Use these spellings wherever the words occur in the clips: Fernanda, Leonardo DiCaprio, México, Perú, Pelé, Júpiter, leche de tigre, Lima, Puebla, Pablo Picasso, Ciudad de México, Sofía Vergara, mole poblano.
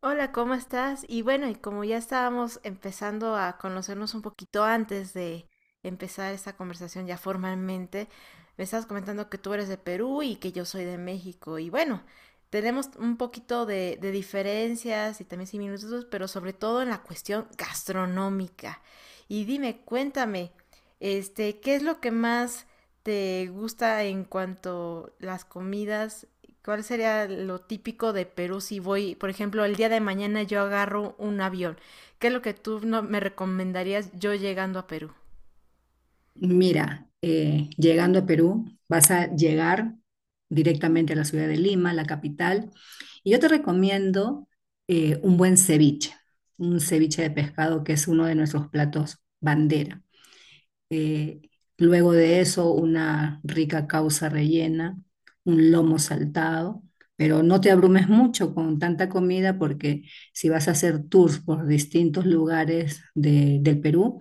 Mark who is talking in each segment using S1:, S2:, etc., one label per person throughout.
S1: Hola, ¿cómo estás? Y bueno, y como ya estábamos empezando a conocernos un poquito antes de empezar esta conversación ya formalmente, me estás comentando que tú eres de Perú y que yo soy de México. Y bueno, tenemos un poquito de diferencias y también similitudes, pero sobre todo en la cuestión gastronómica. Y dime, cuéntame, ¿qué es lo que más te gusta en cuanto las comidas? ¿Cuál sería lo típico de Perú si voy, por ejemplo, el día de mañana yo agarro un avión? ¿Qué es lo que tú no me recomendarías yo llegando a Perú?
S2: Mira, llegando a Perú, vas a llegar directamente a la ciudad de Lima, la capital, y yo te recomiendo un buen ceviche, un ceviche de pescado que es uno de nuestros platos bandera. Eh, Luego de eso, una rica causa rellena, un lomo saltado, pero no te abrumes mucho con tanta comida porque si vas a hacer tours por distintos lugares del Perú,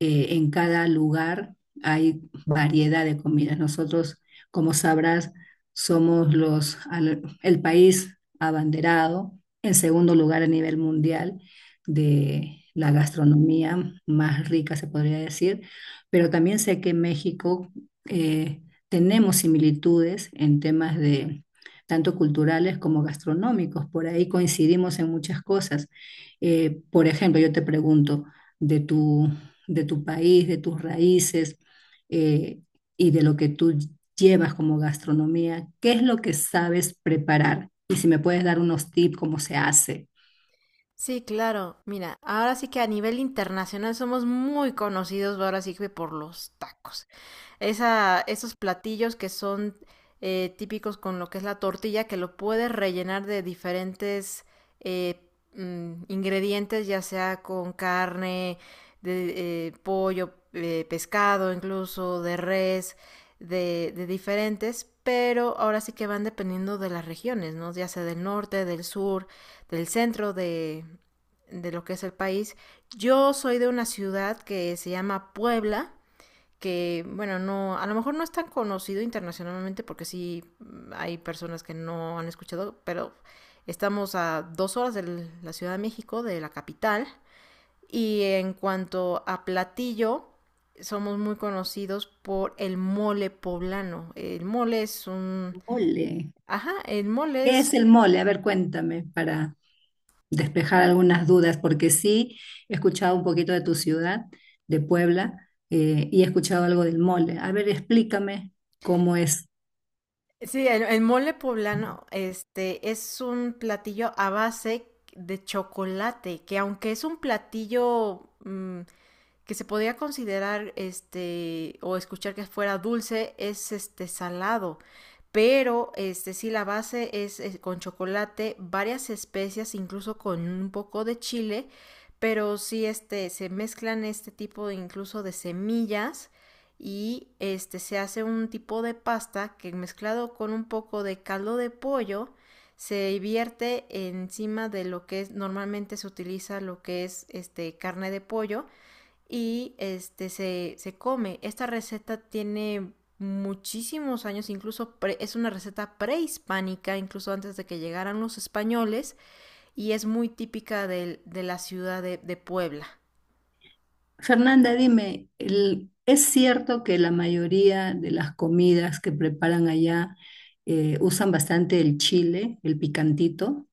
S2: en cada lugar hay variedad de comidas. Nosotros, como sabrás, somos el país abanderado, en segundo lugar a nivel mundial, de la gastronomía más rica, se podría decir, pero también sé que en México eh, tenemos similitudes en temas de tanto culturales como gastronómicos, por ahí coincidimos en muchas cosas. Por ejemplo, yo te pregunto de tu de tu país, de tus raíces, eh, y de lo que tú llevas como gastronomía, ¿qué es lo que sabes preparar? Y si me puedes dar unos tips, cómo se hace.
S1: Sí, claro. Mira, ahora sí que a nivel internacional somos muy conocidos ahora sí que por los tacos. Esos platillos que son típicos con lo que es la tortilla, que lo puedes rellenar de diferentes eh, ingredientes, ya sea con carne, de pollo, pescado incluso, de res, de diferentes, pero ahora sí que van dependiendo de las regiones, ¿no? Ya sea del norte, del sur del centro de lo que es el país. Yo soy de una ciudad que se llama Puebla, que bueno, no, a lo mejor no es tan conocido internacionalmente porque sí hay personas que no han escuchado, pero estamos a dos horas de la Ciudad de México, de la capital, y en cuanto a platillo, somos muy conocidos por el mole poblano. El mole es un...
S2: Mole.
S1: Ajá, el mole
S2: ¿Qué es
S1: es...
S2: el mole? A ver, cuéntame para despejar algunas dudas, porque sí he escuchado un poquito de tu ciudad, de Puebla, y he escuchado algo del mole. A ver, explícame cómo es.
S1: Sí, el mole poblano, es un platillo a base de chocolate, que aunque es un platillo que se podría considerar este o escuchar que fuera dulce, es este salado, pero este sí la base es con chocolate, varias especias, incluso con un poco de chile, pero sí este se mezclan este tipo de, incluso de semillas, y este se hace un tipo de pasta que mezclado con un poco de caldo de pollo se vierte encima de lo que es, normalmente se utiliza lo que es este carne de pollo, y este se come. Esta receta tiene muchísimos años, incluso es una receta prehispánica, incluso antes de que llegaran los españoles, y es muy típica de, la ciudad de Puebla.
S2: Fernanda, dime, ¿es cierto que la mayoría de las comidas que preparan allá usan bastante el chile, el picantito?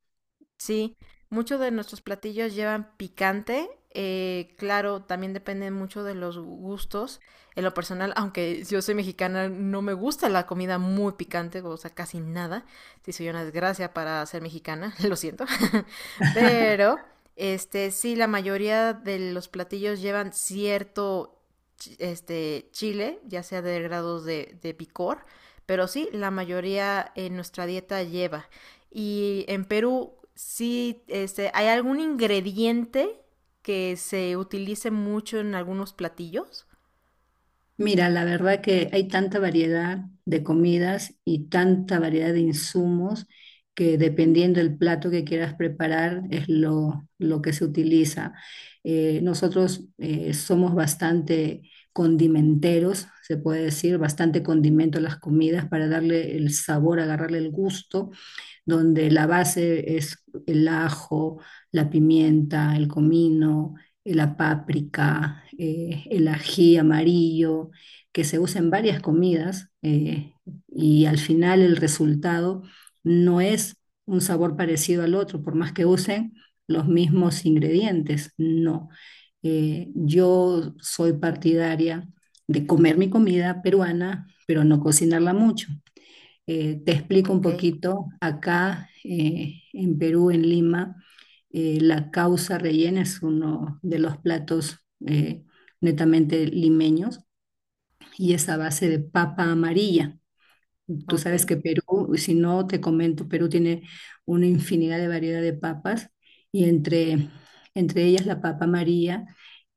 S1: Sí, muchos de nuestros platillos llevan picante. Claro, también depende mucho de los gustos. En lo personal, aunque yo soy mexicana, no me gusta la comida muy picante, o sea, casi nada. Sí, soy una desgracia para ser mexicana, lo siento. Pero, sí, la mayoría de los platillos llevan cierto, chile, ya sea de grados de picor. Pero sí, la mayoría en nuestra dieta lleva. Y en Perú, sí, ¿hay algún ingrediente que se utilice mucho en algunos platillos?
S2: Mira, la verdad que hay tanta variedad de comidas y tanta variedad de insumos que dependiendo del plato que quieras preparar es lo que se utiliza. Nosotros somos bastante condimenteros, se puede decir, bastante condimento a las comidas para darle el sabor, agarrarle el gusto, donde la base es el ajo, la pimienta, el comino, la páprica, el ají amarillo, que se usa en varias comidas, y al final el resultado no es un sabor parecido al otro, por más que usen los mismos ingredientes, no. Yo soy partidaria de comer mi comida peruana, pero no cocinarla mucho. Te explico un
S1: Ok,
S2: poquito, acá en Perú, en Lima, la causa rellena es uno de los platos eh, netamente limeños y es a base de papa amarilla. Tú
S1: ok,
S2: sabes que Perú, si no te comento, Perú tiene una infinidad de variedad de papas y entre ellas la papa María,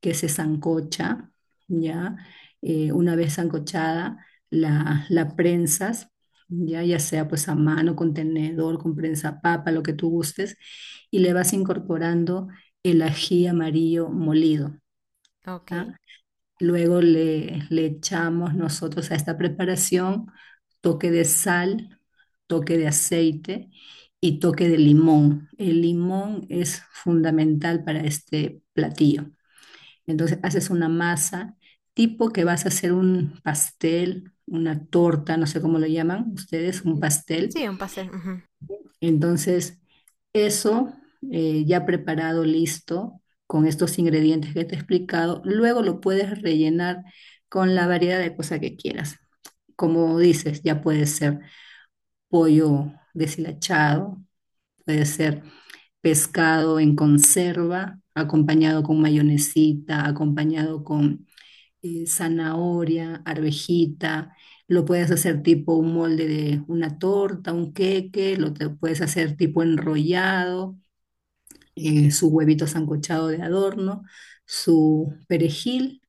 S2: que se sancocha, ¿ya? Una vez sancochada, la prensas, ¿ya? Ya sea pues a mano, con tenedor, con prensa papa, lo que tú gustes, y le vas incorporando el ají amarillo molido,
S1: ok.
S2: ¿ya? Luego le echamos nosotros a esta preparación toque de sal, toque de aceite y toque de limón. El limón es fundamental para este platillo. Entonces haces una masa tipo que vas a hacer un pastel, una torta, no sé cómo lo llaman ustedes, un
S1: Mm.
S2: pastel.
S1: Sí, un pastel. Ujú.
S2: Entonces, eso, ya preparado, listo, con estos ingredientes que te he explicado, luego lo puedes rellenar con la variedad de cosas que quieras. Como dices, ya puede ser pollo deshilachado, puede ser pescado en conserva, acompañado con mayonesita, acompañado con zanahoria, arvejita. Lo puedes hacer tipo un molde de una torta, un queque, puedes hacer tipo enrollado, su huevito sancochado de adorno, su perejil,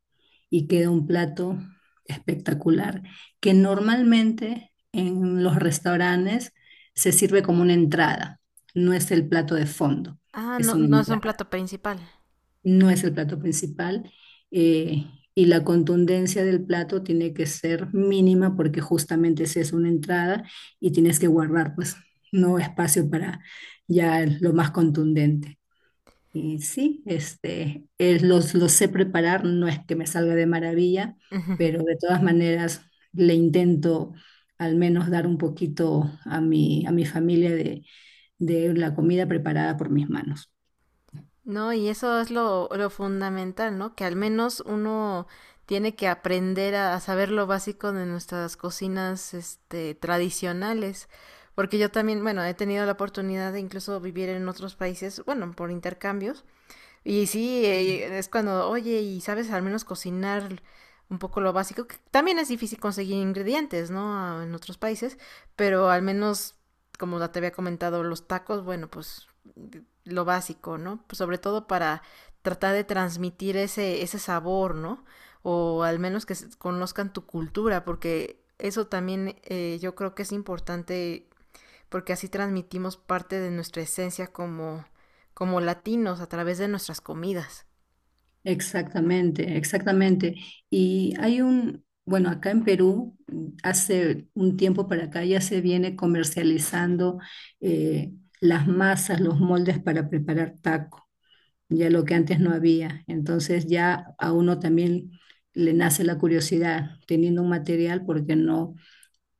S2: y queda un plato espectacular que normalmente en los restaurantes se sirve como una entrada, no es el plato de fondo,
S1: Ah,
S2: es
S1: no,
S2: una
S1: no es un
S2: entrada,
S1: plato principal.
S2: no es el plato principal, eh, y la contundencia del plato tiene que ser mínima porque justamente si es una entrada y tienes que guardar pues no espacio para ya lo más contundente. Y sí, este, los sé preparar, no es que me salga de maravilla, pero de todas maneras le intento al menos dar un poquito a a mi familia de la comida preparada por mis manos.
S1: No, y eso es lo fundamental, ¿no? Que al menos uno tiene que aprender a saber lo básico de nuestras cocinas, tradicionales. Porque yo también, bueno, he tenido la oportunidad de incluso vivir en otros países, bueno, por intercambios, y sí, es cuando, oye, y sabes al menos cocinar un poco lo básico, que también es difícil conseguir ingredientes, ¿no? A- en otros países, pero al menos, como ya te había comentado, los tacos, bueno, pues lo básico, ¿no? Pues sobre todo para tratar de transmitir ese sabor, ¿no? O al menos que se- conozcan tu cultura, porque eso también yo creo que es importante, porque así transmitimos parte de nuestra esencia como, como latinos a través de nuestras comidas.
S2: Exactamente, exactamente. Y hay un, bueno, acá en Perú, hace un tiempo para acá ya se viene comercializando eh, las masas, los moldes para preparar taco, ya lo que antes no había. Entonces ya a uno también le nace la curiosidad, teniendo un material, porque no,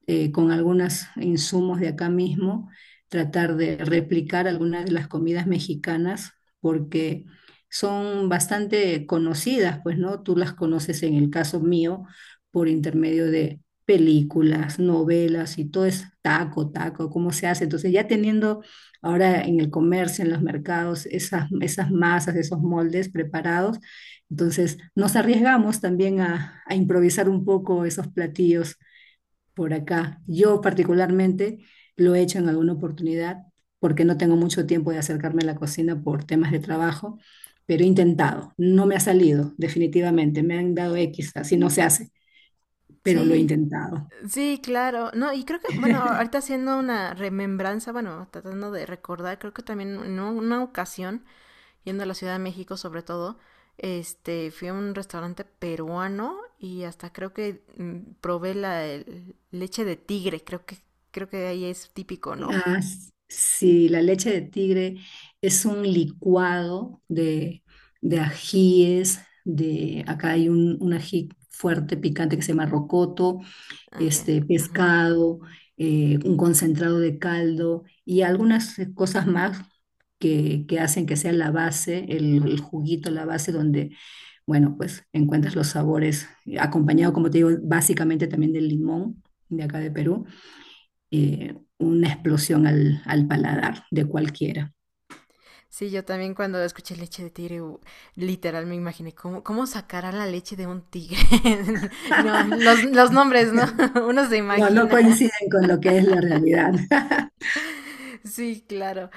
S2: con algunos insumos de acá mismo, tratar de replicar algunas de las comidas mexicanas, porque son bastante conocidas, pues, ¿no? Tú las conoces en el caso mío por intermedio de películas, novelas y todo es taco, taco, cómo se hace. Entonces ya teniendo ahora en el comercio, en los mercados, esas masas, esos moldes preparados, entonces nos arriesgamos también a improvisar un poco esos platillos por acá. Yo particularmente lo he hecho en alguna oportunidad porque no tengo mucho tiempo de acercarme a la cocina por temas de trabajo, pero he intentado. No me ha salido, definitivamente. Me han dado X, así no se hace, pero lo he
S1: Sí,
S2: intentado.
S1: sí, claro. No, y creo que, bueno, ahorita haciendo una remembranza, bueno, tratando de recordar, creo que también en una ocasión, yendo a la Ciudad de México sobre todo, fui a un restaurante peruano y hasta creo que probé la leche de tigre, creo que ahí es típico, ¿no?
S2: Ah, sí, la leche de tigre es un licuado de ajíes, de, acá hay un ají fuerte, picante que se llama rocoto,
S1: Ah, ya.
S2: este,
S1: Ujú.
S2: pescado, un concentrado de caldo y algunas cosas más que hacen que sea la base, el juguito, la base donde, bueno, pues encuentras los sabores, acompañado, como te digo, básicamente también del limón de acá de Perú, una explosión al paladar de cualquiera.
S1: Sí, yo también cuando escuché leche de tigre, literal me imaginé cómo, cómo sacará la leche de un tigre. No, los nombres, ¿no? Uno se
S2: No, no
S1: imagina.
S2: coinciden con lo que es la realidad.
S1: Sí, claro.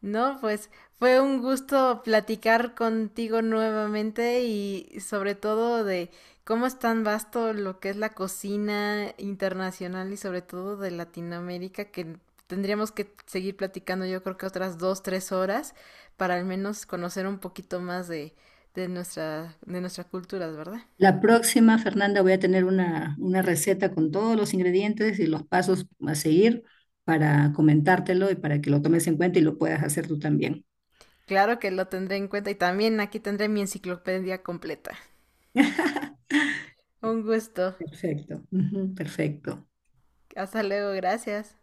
S1: No, pues fue un gusto platicar contigo nuevamente y sobre todo de cómo es tan vasto lo que es la cocina internacional y sobre todo de Latinoamérica, que tendríamos que seguir platicando yo creo que otras dos, tres horas para al menos conocer un poquito más de nuestra, de nuestras culturas, ¿verdad?
S2: La próxima, Fernanda, voy a tener una receta con todos los ingredientes y los pasos a seguir para comentártelo y para que lo tomes en cuenta y lo puedas hacer tú también.
S1: Claro que lo tendré en cuenta y también aquí tendré mi enciclopedia completa. Un gusto.
S2: Perfecto, ujú, perfecto.
S1: Hasta luego, gracias.